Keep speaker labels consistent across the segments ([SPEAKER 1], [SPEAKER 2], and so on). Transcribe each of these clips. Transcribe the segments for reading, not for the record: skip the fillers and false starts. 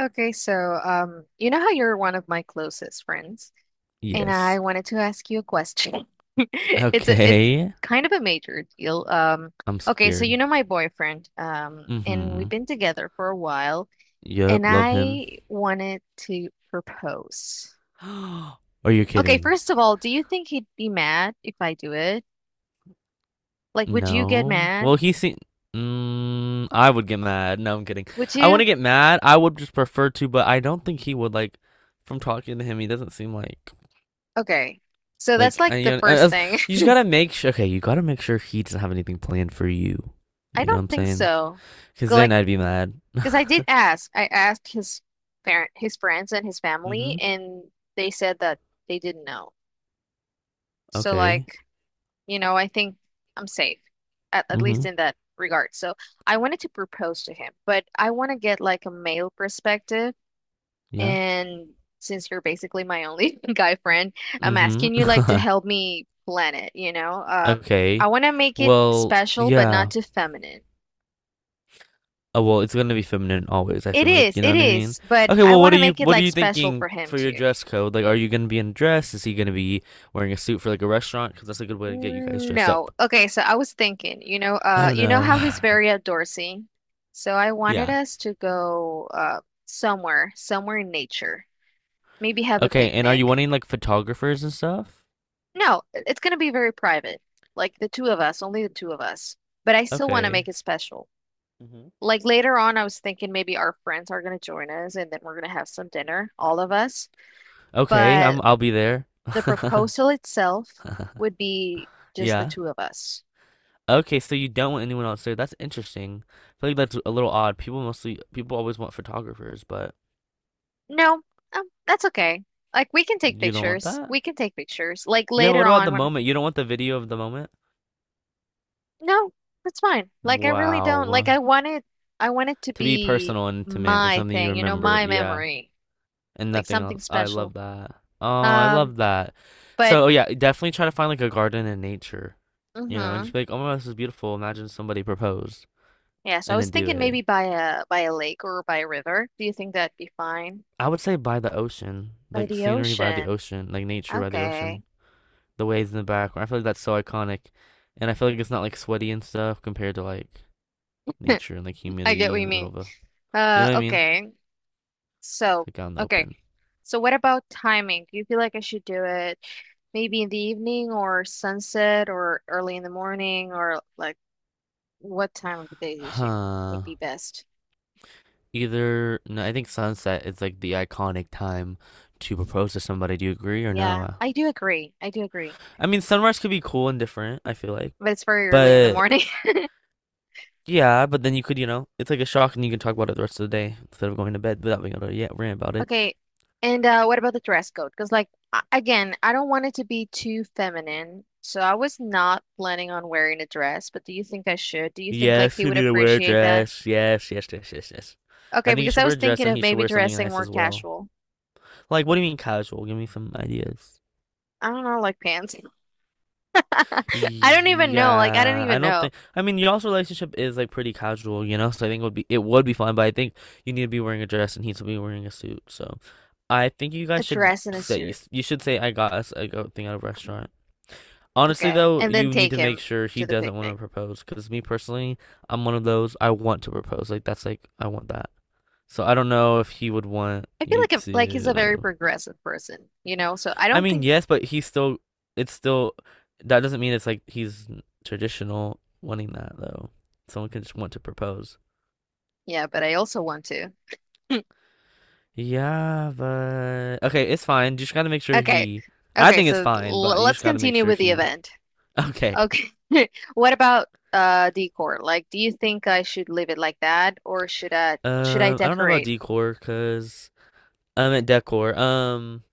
[SPEAKER 1] You know how you're one of my closest friends, and I
[SPEAKER 2] Yes.
[SPEAKER 1] wanted to ask you a question. It's
[SPEAKER 2] Okay.
[SPEAKER 1] kind of a major deal. Um,
[SPEAKER 2] I'm
[SPEAKER 1] okay, so
[SPEAKER 2] scared.
[SPEAKER 1] you know my boyfriend, and
[SPEAKER 2] Mm-hmm.
[SPEAKER 1] we've been together for a while,
[SPEAKER 2] Yep,
[SPEAKER 1] and
[SPEAKER 2] love him.
[SPEAKER 1] I wanted to propose.
[SPEAKER 2] Are you
[SPEAKER 1] Okay,
[SPEAKER 2] kidding?
[SPEAKER 1] first of all, do you think he'd be mad if I do it? Like, would you get
[SPEAKER 2] No. Well,
[SPEAKER 1] mad?
[SPEAKER 2] he seemed. I would get mad. No, I'm kidding.
[SPEAKER 1] Would
[SPEAKER 2] I
[SPEAKER 1] you?
[SPEAKER 2] wouldn't get mad. I would just prefer to, but I don't think he would like. From talking to him, he doesn't seem like
[SPEAKER 1] Okay, so that's
[SPEAKER 2] like.
[SPEAKER 1] like
[SPEAKER 2] I,
[SPEAKER 1] the first
[SPEAKER 2] as,
[SPEAKER 1] thing.
[SPEAKER 2] you just gotta make sure. Okay, you gotta make sure he doesn't have anything planned for you.
[SPEAKER 1] I
[SPEAKER 2] You know what
[SPEAKER 1] don't
[SPEAKER 2] I'm
[SPEAKER 1] think
[SPEAKER 2] saying?
[SPEAKER 1] so.
[SPEAKER 2] Because then
[SPEAKER 1] Like,
[SPEAKER 2] I'd be mad.
[SPEAKER 1] because I
[SPEAKER 2] Mm-hmm.
[SPEAKER 1] did ask. I asked his parent, his friends and his family, and they said that they didn't know. So like,
[SPEAKER 2] Okay.
[SPEAKER 1] I think I'm safe, at
[SPEAKER 2] Mm-hmm.
[SPEAKER 1] least in that regard. So I wanted to propose to him, but I want to get like a male perspective.
[SPEAKER 2] Yeah.
[SPEAKER 1] And since you're basically my only guy friend, I'm
[SPEAKER 2] Mm-hmm.
[SPEAKER 1] asking you like to help me plan it,
[SPEAKER 2] Okay.
[SPEAKER 1] I want to make it
[SPEAKER 2] Well,
[SPEAKER 1] special, but
[SPEAKER 2] yeah.
[SPEAKER 1] not too feminine.
[SPEAKER 2] Oh, well, it's gonna be feminine always, I
[SPEAKER 1] It
[SPEAKER 2] feel like,
[SPEAKER 1] is,
[SPEAKER 2] you know
[SPEAKER 1] it
[SPEAKER 2] what I mean?
[SPEAKER 1] is, but
[SPEAKER 2] Okay,
[SPEAKER 1] I
[SPEAKER 2] well,
[SPEAKER 1] want
[SPEAKER 2] what are
[SPEAKER 1] to
[SPEAKER 2] you
[SPEAKER 1] make it
[SPEAKER 2] what are
[SPEAKER 1] like
[SPEAKER 2] you
[SPEAKER 1] special for
[SPEAKER 2] thinking
[SPEAKER 1] him
[SPEAKER 2] for your
[SPEAKER 1] too.
[SPEAKER 2] dress code? Like, are you gonna be in a dress? Is he gonna be wearing a suit for like a restaurant? Because that's a good way to get you guys dressed
[SPEAKER 1] No.
[SPEAKER 2] up.
[SPEAKER 1] Okay, so I was thinking,
[SPEAKER 2] I don't
[SPEAKER 1] you know
[SPEAKER 2] know.
[SPEAKER 1] how he's very outdoorsy. So I wanted
[SPEAKER 2] Yeah.
[SPEAKER 1] us to go somewhere in nature. Maybe have a
[SPEAKER 2] Okay, and are you
[SPEAKER 1] picnic.
[SPEAKER 2] wanting like photographers and stuff?
[SPEAKER 1] No, it's gonna be very private. Like the two of us, only the two of us. But I still want to
[SPEAKER 2] Okay.
[SPEAKER 1] make it special.
[SPEAKER 2] Hmm.
[SPEAKER 1] Like later on, I was thinking maybe our friends are gonna join us and then we're gonna have some dinner, all of us.
[SPEAKER 2] Okay,
[SPEAKER 1] But
[SPEAKER 2] I'll be there.
[SPEAKER 1] the proposal itself would be just the
[SPEAKER 2] Yeah.
[SPEAKER 1] two of us.
[SPEAKER 2] Okay, so you don't want anyone else there. That's interesting. I feel like that's a little odd. People always want photographers, but
[SPEAKER 1] No, that's okay. Like we can take
[SPEAKER 2] you don't want
[SPEAKER 1] pictures.
[SPEAKER 2] that?
[SPEAKER 1] We can take pictures. Like
[SPEAKER 2] Yeah,
[SPEAKER 1] later
[SPEAKER 2] what about
[SPEAKER 1] on
[SPEAKER 2] the
[SPEAKER 1] when
[SPEAKER 2] moment? You don't want the video of the moment?
[SPEAKER 1] no, that's fine. Like, I really don't,
[SPEAKER 2] Wow.
[SPEAKER 1] I want it to
[SPEAKER 2] To be
[SPEAKER 1] be
[SPEAKER 2] personal and intimate and
[SPEAKER 1] my
[SPEAKER 2] something you
[SPEAKER 1] thing, you know,
[SPEAKER 2] remember.
[SPEAKER 1] my
[SPEAKER 2] Yeah.
[SPEAKER 1] memory.
[SPEAKER 2] And
[SPEAKER 1] Like
[SPEAKER 2] nothing
[SPEAKER 1] something
[SPEAKER 2] else. I love
[SPEAKER 1] special.
[SPEAKER 2] that. Oh, I
[SPEAKER 1] Um,
[SPEAKER 2] love that.
[SPEAKER 1] but
[SPEAKER 2] So, oh, yeah, definitely try to find like a garden in nature, and
[SPEAKER 1] mm-hmm.
[SPEAKER 2] just be like, oh my gosh, this is beautiful. Imagine somebody proposed
[SPEAKER 1] Yeah, so I
[SPEAKER 2] and then
[SPEAKER 1] was
[SPEAKER 2] do
[SPEAKER 1] thinking
[SPEAKER 2] it.
[SPEAKER 1] maybe by a lake or by a river. Do you think that'd be fine?
[SPEAKER 2] I would say by the ocean,
[SPEAKER 1] By
[SPEAKER 2] like
[SPEAKER 1] the
[SPEAKER 2] scenery by the
[SPEAKER 1] ocean.
[SPEAKER 2] ocean, like nature by the
[SPEAKER 1] Okay.
[SPEAKER 2] ocean, the waves in the background. I feel like that's so iconic. And I feel like it's not like sweaty and stuff compared to like nature and like
[SPEAKER 1] I get
[SPEAKER 2] humidity
[SPEAKER 1] what
[SPEAKER 2] in
[SPEAKER 1] you
[SPEAKER 2] the middle
[SPEAKER 1] mean.
[SPEAKER 2] of a. You
[SPEAKER 1] Uh,
[SPEAKER 2] know what I mean?
[SPEAKER 1] okay.
[SPEAKER 2] It's
[SPEAKER 1] So,
[SPEAKER 2] like out in the
[SPEAKER 1] okay.
[SPEAKER 2] open.
[SPEAKER 1] So what about timing? Do you feel like I should do it maybe in the evening or sunset or early in the morning or like what time of the day do you think
[SPEAKER 2] Huh.
[SPEAKER 1] would be best?
[SPEAKER 2] Either no, I think sunset is like the iconic time to propose to somebody. Do you agree or
[SPEAKER 1] Yeah,
[SPEAKER 2] no?
[SPEAKER 1] I do agree. I do agree.
[SPEAKER 2] I mean, sunrise could be cool and different, I feel like.
[SPEAKER 1] But it's very early in the
[SPEAKER 2] But
[SPEAKER 1] morning.
[SPEAKER 2] yeah, but then you could, you know, it's like a shock and you can talk about it the rest of the day instead of going to bed without being able to, yeah, rant about it.
[SPEAKER 1] Okay. And what about the dress code? Because again, I don't want it to be too feminine. So I was not planning on wearing a dress, but do you think I should? Do you think like
[SPEAKER 2] Yes,
[SPEAKER 1] he
[SPEAKER 2] you
[SPEAKER 1] would
[SPEAKER 2] need to wear a
[SPEAKER 1] appreciate that?
[SPEAKER 2] dress. Yes, yes, yes, yes, yes. I
[SPEAKER 1] Okay,
[SPEAKER 2] think you
[SPEAKER 1] because I
[SPEAKER 2] should wear
[SPEAKER 1] was
[SPEAKER 2] a dress
[SPEAKER 1] thinking
[SPEAKER 2] and
[SPEAKER 1] of
[SPEAKER 2] he should
[SPEAKER 1] maybe
[SPEAKER 2] wear something
[SPEAKER 1] dressing
[SPEAKER 2] nice
[SPEAKER 1] more
[SPEAKER 2] as well.
[SPEAKER 1] casual.
[SPEAKER 2] Like, what do you mean casual? Give me some ideas.
[SPEAKER 1] I don't know, like pants. I don't even know. Like, I don't
[SPEAKER 2] Yeah, I
[SPEAKER 1] even
[SPEAKER 2] don't
[SPEAKER 1] know.
[SPEAKER 2] think. I mean, y'all's relationship is like pretty casual, you know. So I think it would be fine, but I think you need to be wearing a dress and he to be wearing a suit. So I think you
[SPEAKER 1] A
[SPEAKER 2] guys should
[SPEAKER 1] dress and a
[SPEAKER 2] say you,
[SPEAKER 1] suit.
[SPEAKER 2] s- you should say I got us a go thing at a restaurant. Honestly,
[SPEAKER 1] Okay.
[SPEAKER 2] though,
[SPEAKER 1] And then
[SPEAKER 2] you need
[SPEAKER 1] take
[SPEAKER 2] to make
[SPEAKER 1] him
[SPEAKER 2] sure he
[SPEAKER 1] to the
[SPEAKER 2] doesn't want to
[SPEAKER 1] picnic.
[SPEAKER 2] propose. Because me personally, I'm one of those I want to propose. Like that's like I want that. So I don't know if he would want
[SPEAKER 1] I feel
[SPEAKER 2] you
[SPEAKER 1] like he's a very
[SPEAKER 2] to.
[SPEAKER 1] progressive person, you know? So I
[SPEAKER 2] I
[SPEAKER 1] don't
[SPEAKER 2] mean,
[SPEAKER 1] think,
[SPEAKER 2] yes, but he's still. It's still. That doesn't mean it's like he's traditional wanting that though. Someone could just want to propose.
[SPEAKER 1] yeah, but I also want to.
[SPEAKER 2] Yeah, but okay, it's fine. You just gotta make sure
[SPEAKER 1] Okay.
[SPEAKER 2] he. I
[SPEAKER 1] Okay,
[SPEAKER 2] think it's
[SPEAKER 1] so
[SPEAKER 2] fine,
[SPEAKER 1] l
[SPEAKER 2] but you
[SPEAKER 1] let's
[SPEAKER 2] just gotta make
[SPEAKER 1] continue
[SPEAKER 2] sure
[SPEAKER 1] with the
[SPEAKER 2] he.
[SPEAKER 1] event.
[SPEAKER 2] Okay.
[SPEAKER 1] Okay. What about decor? Like, do you think I should leave it like that or should I
[SPEAKER 2] I don't know about
[SPEAKER 1] decorate?
[SPEAKER 2] decor, cause I meant decor.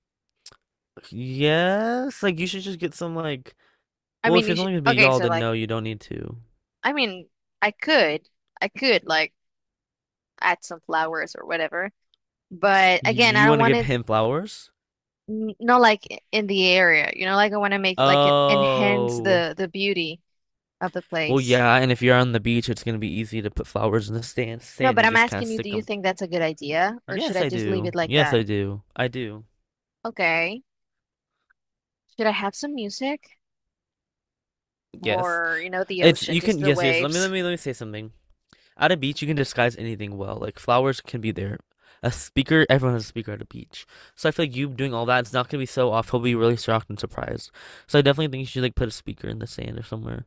[SPEAKER 2] Yes, like you should just get some like.
[SPEAKER 1] I
[SPEAKER 2] Well,
[SPEAKER 1] mean,
[SPEAKER 2] if
[SPEAKER 1] you
[SPEAKER 2] it's
[SPEAKER 1] should,
[SPEAKER 2] only gonna be
[SPEAKER 1] okay,
[SPEAKER 2] y'all,
[SPEAKER 1] so
[SPEAKER 2] then
[SPEAKER 1] like
[SPEAKER 2] no, you don't need to.
[SPEAKER 1] I mean, I could I could like add some flowers or whatever. But
[SPEAKER 2] Y-
[SPEAKER 1] again, I
[SPEAKER 2] you
[SPEAKER 1] don't
[SPEAKER 2] want to
[SPEAKER 1] want
[SPEAKER 2] give
[SPEAKER 1] it
[SPEAKER 2] him flowers?
[SPEAKER 1] not like in the area, you know, like I want to make like enhance
[SPEAKER 2] Oh,
[SPEAKER 1] the beauty of the
[SPEAKER 2] well,
[SPEAKER 1] place.
[SPEAKER 2] yeah, and if you're on the beach, it's gonna be easy to put flowers in the sand.
[SPEAKER 1] No,
[SPEAKER 2] Sand,
[SPEAKER 1] but
[SPEAKER 2] you
[SPEAKER 1] I'm
[SPEAKER 2] just kind of
[SPEAKER 1] asking you, do
[SPEAKER 2] stick
[SPEAKER 1] you
[SPEAKER 2] them.
[SPEAKER 1] think that's a good idea or should
[SPEAKER 2] Yes,
[SPEAKER 1] I
[SPEAKER 2] I
[SPEAKER 1] just leave
[SPEAKER 2] do.
[SPEAKER 1] it like
[SPEAKER 2] Yes,
[SPEAKER 1] that?
[SPEAKER 2] I do. I do.
[SPEAKER 1] Okay. Should I have some music
[SPEAKER 2] Yes,
[SPEAKER 1] or, you know, the
[SPEAKER 2] it's
[SPEAKER 1] ocean,
[SPEAKER 2] you
[SPEAKER 1] just
[SPEAKER 2] can.
[SPEAKER 1] the
[SPEAKER 2] Yes, yes. Let me, let
[SPEAKER 1] waves?
[SPEAKER 2] me, let me say something. At a beach, you can disguise anything well. Like flowers can be there. A speaker, everyone has a speaker at a beach. So I feel like you doing all that, it's not gonna be so off. He'll be really shocked and surprised. So I definitely think you should like put a speaker in the sand or somewhere.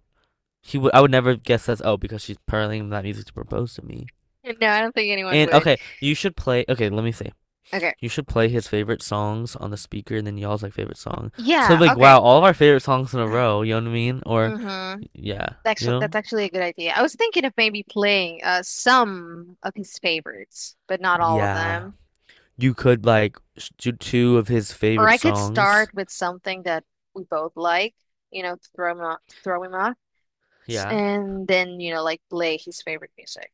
[SPEAKER 2] He would. I would never guess that's oh because she's playing that music to propose to me.
[SPEAKER 1] No, I don't think anyone
[SPEAKER 2] And
[SPEAKER 1] would.
[SPEAKER 2] okay, you should play. Okay, let me say.
[SPEAKER 1] Okay.
[SPEAKER 2] You should play his favorite songs on the speaker and then y'all's like favorite song. So
[SPEAKER 1] Yeah,
[SPEAKER 2] like
[SPEAKER 1] okay.
[SPEAKER 2] wow, all of our favorite songs in a row, you know what I mean? Or
[SPEAKER 1] Mm-hmm.
[SPEAKER 2] yeah, you
[SPEAKER 1] Actually, that's
[SPEAKER 2] know?
[SPEAKER 1] actually a good idea. I was thinking of maybe playing some of his favorites, but not all of
[SPEAKER 2] Yeah.
[SPEAKER 1] them.
[SPEAKER 2] You could like do two of his
[SPEAKER 1] Or
[SPEAKER 2] favorite
[SPEAKER 1] I could
[SPEAKER 2] songs.
[SPEAKER 1] start with something that we both like, you know, to throw him off,
[SPEAKER 2] Yeah.
[SPEAKER 1] and then, you know, like play his favorite music.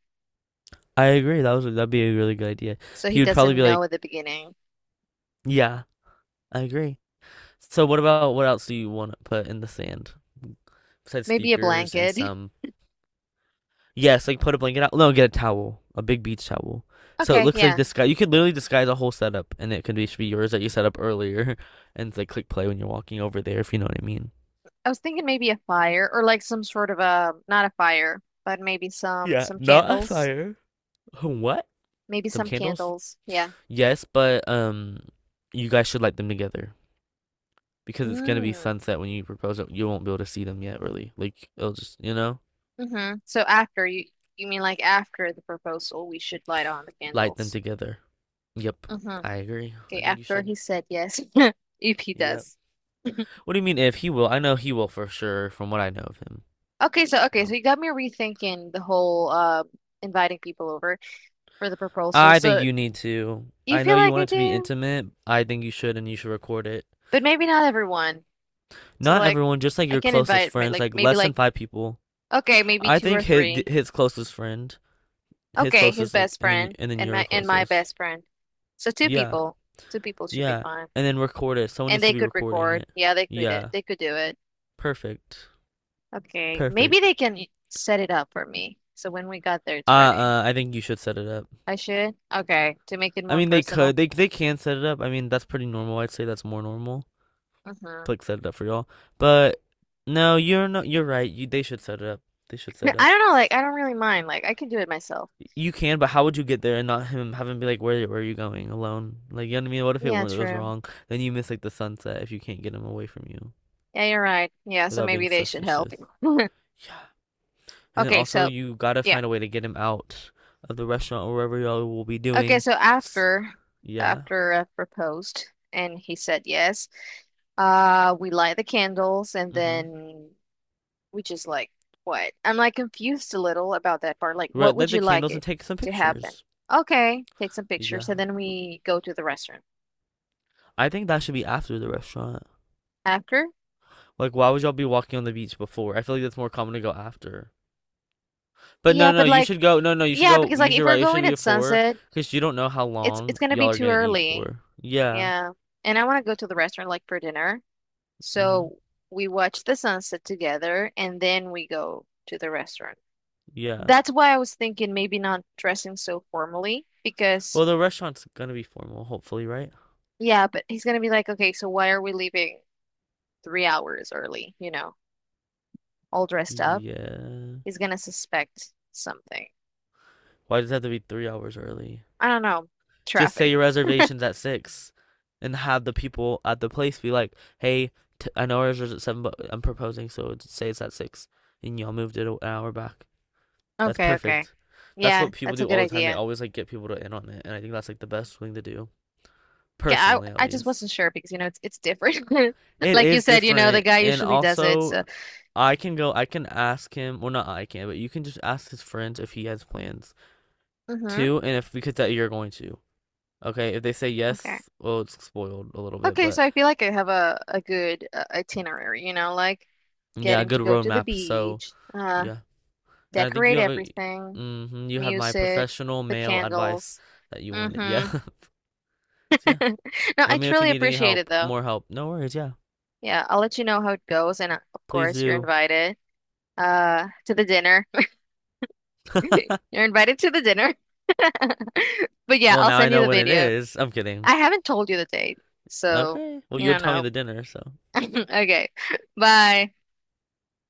[SPEAKER 2] I agree. That'd be a really good idea.
[SPEAKER 1] So he
[SPEAKER 2] He would probably
[SPEAKER 1] doesn't
[SPEAKER 2] be like,
[SPEAKER 1] know at the beginning.
[SPEAKER 2] "Yeah, I agree." So what else do you want to put in the sand besides
[SPEAKER 1] Maybe a
[SPEAKER 2] speakers and
[SPEAKER 1] blanket.
[SPEAKER 2] some. Yes, like put a blanket out. No, get a towel, a big beach towel. So it
[SPEAKER 1] Okay,
[SPEAKER 2] looks like
[SPEAKER 1] yeah.
[SPEAKER 2] this guy. You could literally disguise a whole setup, and it could be should be yours that you set up earlier, and like click play when you're walking over there, if you know what I mean.
[SPEAKER 1] I was thinking maybe a fire or like some sort of a, not a fire, but maybe
[SPEAKER 2] Yeah,
[SPEAKER 1] some
[SPEAKER 2] not a
[SPEAKER 1] candles.
[SPEAKER 2] fire. What?
[SPEAKER 1] Maybe
[SPEAKER 2] Some
[SPEAKER 1] some
[SPEAKER 2] candles?
[SPEAKER 1] candles. Yeah.
[SPEAKER 2] Yes, but you guys should light them together because it's gonna be
[SPEAKER 1] Mm.
[SPEAKER 2] sunset when you propose it. You won't be able to see them yet, really. Like it'll just
[SPEAKER 1] hmm So after you you mean like after the proposal, we should light on the
[SPEAKER 2] light them
[SPEAKER 1] candles.
[SPEAKER 2] together. Yep,
[SPEAKER 1] Mm-hmm.
[SPEAKER 2] I agree. I
[SPEAKER 1] Okay,
[SPEAKER 2] think you
[SPEAKER 1] after
[SPEAKER 2] should.
[SPEAKER 1] he said yes, if he
[SPEAKER 2] Yep.
[SPEAKER 1] does.
[SPEAKER 2] What do you mean if he will? I know he will for sure from what I know of him.
[SPEAKER 1] Okay, so
[SPEAKER 2] So.
[SPEAKER 1] you got me rethinking the whole inviting people over for the proposal.
[SPEAKER 2] I think
[SPEAKER 1] So
[SPEAKER 2] you need to.
[SPEAKER 1] you
[SPEAKER 2] I know
[SPEAKER 1] feel
[SPEAKER 2] you
[SPEAKER 1] like
[SPEAKER 2] want
[SPEAKER 1] I
[SPEAKER 2] it to be
[SPEAKER 1] do,
[SPEAKER 2] intimate. I think you should, and you should record it.
[SPEAKER 1] but maybe not everyone. So
[SPEAKER 2] Not
[SPEAKER 1] like
[SPEAKER 2] everyone, just like
[SPEAKER 1] I
[SPEAKER 2] your
[SPEAKER 1] can
[SPEAKER 2] closest
[SPEAKER 1] invite my
[SPEAKER 2] friends,
[SPEAKER 1] like
[SPEAKER 2] like
[SPEAKER 1] maybe
[SPEAKER 2] less than
[SPEAKER 1] like
[SPEAKER 2] five people.
[SPEAKER 1] okay, maybe
[SPEAKER 2] I
[SPEAKER 1] two
[SPEAKER 2] think
[SPEAKER 1] or
[SPEAKER 2] his
[SPEAKER 1] three.
[SPEAKER 2] his closest friend, his
[SPEAKER 1] Okay, his
[SPEAKER 2] closest, like,
[SPEAKER 1] best
[SPEAKER 2] and then
[SPEAKER 1] friend
[SPEAKER 2] and then
[SPEAKER 1] and
[SPEAKER 2] your
[SPEAKER 1] my
[SPEAKER 2] closest.
[SPEAKER 1] best friend. So two
[SPEAKER 2] Yeah,
[SPEAKER 1] people. Two people should be
[SPEAKER 2] yeah,
[SPEAKER 1] fine.
[SPEAKER 2] and then record it. Someone
[SPEAKER 1] And
[SPEAKER 2] needs to
[SPEAKER 1] they
[SPEAKER 2] be
[SPEAKER 1] could
[SPEAKER 2] recording
[SPEAKER 1] record.
[SPEAKER 2] it.
[SPEAKER 1] Yeah, they could it.
[SPEAKER 2] Yeah,
[SPEAKER 1] They could do it.
[SPEAKER 2] perfect,
[SPEAKER 1] Okay, maybe
[SPEAKER 2] perfect.
[SPEAKER 1] they can set it up for me. So when we got there, it's ready.
[SPEAKER 2] I think you should set it up.
[SPEAKER 1] I should? Okay, to make it
[SPEAKER 2] I
[SPEAKER 1] more
[SPEAKER 2] mean, they could,
[SPEAKER 1] personal.
[SPEAKER 2] they can set it up. I mean, that's pretty normal. I'd say that's more normal.
[SPEAKER 1] Hmm
[SPEAKER 2] Like, set it up for y'all. But no, you're not. You're right. You they should set it up. They should set it
[SPEAKER 1] I
[SPEAKER 2] up.
[SPEAKER 1] don't know, like I don't really mind. Like I can do it myself.
[SPEAKER 2] You can, but how would you get there and not him have him be like, where are you going alone? Like you know what I mean? What if it
[SPEAKER 1] Yeah,
[SPEAKER 2] goes
[SPEAKER 1] true.
[SPEAKER 2] wrong? Then you miss like the sunset if you can't get him away from you
[SPEAKER 1] Yeah, you're right. Yeah, so
[SPEAKER 2] without
[SPEAKER 1] maybe
[SPEAKER 2] being
[SPEAKER 1] they should help.
[SPEAKER 2] suspicious. Yeah, and then
[SPEAKER 1] Okay,
[SPEAKER 2] also
[SPEAKER 1] so
[SPEAKER 2] you gotta
[SPEAKER 1] yeah.
[SPEAKER 2] find a way to get him out of the restaurant or wherever y'all will be
[SPEAKER 1] Okay,
[SPEAKER 2] doing.
[SPEAKER 1] so
[SPEAKER 2] S-
[SPEAKER 1] after
[SPEAKER 2] Yeah.
[SPEAKER 1] after I proposed and he said yes, we light the candles and
[SPEAKER 2] Mhm.
[SPEAKER 1] then we just like what? I'm like confused a little about that part. Like what
[SPEAKER 2] Right,
[SPEAKER 1] would
[SPEAKER 2] light the
[SPEAKER 1] you like
[SPEAKER 2] candles and
[SPEAKER 1] it
[SPEAKER 2] take some
[SPEAKER 1] to happen?
[SPEAKER 2] pictures.
[SPEAKER 1] Okay, take some
[SPEAKER 2] Yeah.
[SPEAKER 1] pictures and then we go to the restaurant.
[SPEAKER 2] I think that should be after the restaurant.
[SPEAKER 1] After?
[SPEAKER 2] Like, why would y'all be walking on the beach before? I feel like that's more common to go after. But no,
[SPEAKER 1] Yeah,
[SPEAKER 2] no,
[SPEAKER 1] but
[SPEAKER 2] you
[SPEAKER 1] like
[SPEAKER 2] should go. No, no, you should
[SPEAKER 1] yeah,
[SPEAKER 2] go.
[SPEAKER 1] because like
[SPEAKER 2] You
[SPEAKER 1] if
[SPEAKER 2] should
[SPEAKER 1] we're
[SPEAKER 2] right. It should
[SPEAKER 1] going
[SPEAKER 2] be
[SPEAKER 1] at
[SPEAKER 2] before
[SPEAKER 1] sunset
[SPEAKER 2] because you don't know how
[SPEAKER 1] it's it's
[SPEAKER 2] long
[SPEAKER 1] gonna be
[SPEAKER 2] y'all are
[SPEAKER 1] too
[SPEAKER 2] gonna eat
[SPEAKER 1] early.
[SPEAKER 2] for. Yeah.
[SPEAKER 1] Yeah. And I wanna go to the restaurant like for dinner.
[SPEAKER 2] Mm-hmm.
[SPEAKER 1] So we watch the sunset together and then we go to the restaurant.
[SPEAKER 2] Yeah.
[SPEAKER 1] That's why I was thinking maybe not dressing so formally because
[SPEAKER 2] Well, the restaurant's gonna be formal, hopefully, right?
[SPEAKER 1] yeah, but he's gonna be like, okay, so why are we leaving 3 hours early, you know, all dressed up?
[SPEAKER 2] Yeah.
[SPEAKER 1] He's gonna suspect something.
[SPEAKER 2] Why does it have to be 3 hours early?
[SPEAKER 1] I don't know.
[SPEAKER 2] Just say
[SPEAKER 1] Traffic.
[SPEAKER 2] your reservation's at 6, and have the people at the place be like, "Hey, t I know ours was at 7, but I'm proposing, so say it's at 6, and y'all moved it an hour back." That's
[SPEAKER 1] Okay, okay.
[SPEAKER 2] perfect. That's
[SPEAKER 1] Yeah,
[SPEAKER 2] what people
[SPEAKER 1] that's a
[SPEAKER 2] do
[SPEAKER 1] good
[SPEAKER 2] all the time. They
[SPEAKER 1] idea.
[SPEAKER 2] always like get people to in on it, and I think that's like the best thing to do,
[SPEAKER 1] Okay,
[SPEAKER 2] personally at
[SPEAKER 1] I just
[SPEAKER 2] least.
[SPEAKER 1] wasn't sure because you know it's different.
[SPEAKER 2] It
[SPEAKER 1] Like you
[SPEAKER 2] is
[SPEAKER 1] said, you know, the
[SPEAKER 2] different,
[SPEAKER 1] guy
[SPEAKER 2] and
[SPEAKER 1] usually does it.
[SPEAKER 2] also
[SPEAKER 1] So,
[SPEAKER 2] I can go. I can ask him. Well, not I can, but you can just ask his friends if he has plans
[SPEAKER 1] hmm
[SPEAKER 2] too, and if because that you're going to. Okay, if they say
[SPEAKER 1] Okay.
[SPEAKER 2] yes, well, it's spoiled a little bit,
[SPEAKER 1] Okay,
[SPEAKER 2] but
[SPEAKER 1] so I feel like I have a good itinerary, you know, like
[SPEAKER 2] yeah,
[SPEAKER 1] getting to
[SPEAKER 2] good
[SPEAKER 1] go to the
[SPEAKER 2] roadmap. So
[SPEAKER 1] beach,
[SPEAKER 2] yeah, and I think you
[SPEAKER 1] decorate
[SPEAKER 2] have a,
[SPEAKER 1] everything,
[SPEAKER 2] hmm you have my
[SPEAKER 1] music,
[SPEAKER 2] professional
[SPEAKER 1] the
[SPEAKER 2] male advice
[SPEAKER 1] candles.
[SPEAKER 2] that you wanted. Yeah,
[SPEAKER 1] Mm-hmm.
[SPEAKER 2] so yeah.
[SPEAKER 1] No,
[SPEAKER 2] Let
[SPEAKER 1] I
[SPEAKER 2] me know if you
[SPEAKER 1] truly
[SPEAKER 2] need any
[SPEAKER 1] appreciate it
[SPEAKER 2] help,
[SPEAKER 1] though.
[SPEAKER 2] more help. No worries. Yeah.
[SPEAKER 1] Yeah, I'll let you know how it goes, and of
[SPEAKER 2] Please
[SPEAKER 1] course, you're
[SPEAKER 2] do.
[SPEAKER 1] invited to the dinner. You're invited to the dinner. But yeah,
[SPEAKER 2] Well,
[SPEAKER 1] I'll
[SPEAKER 2] now I
[SPEAKER 1] send you
[SPEAKER 2] know
[SPEAKER 1] the
[SPEAKER 2] when it
[SPEAKER 1] video.
[SPEAKER 2] is. I'm kidding.
[SPEAKER 1] I haven't told you the date, so
[SPEAKER 2] Okay. Well,
[SPEAKER 1] you
[SPEAKER 2] you'll
[SPEAKER 1] don't
[SPEAKER 2] tell me
[SPEAKER 1] know.
[SPEAKER 2] the dinner, so
[SPEAKER 1] Okay, bye.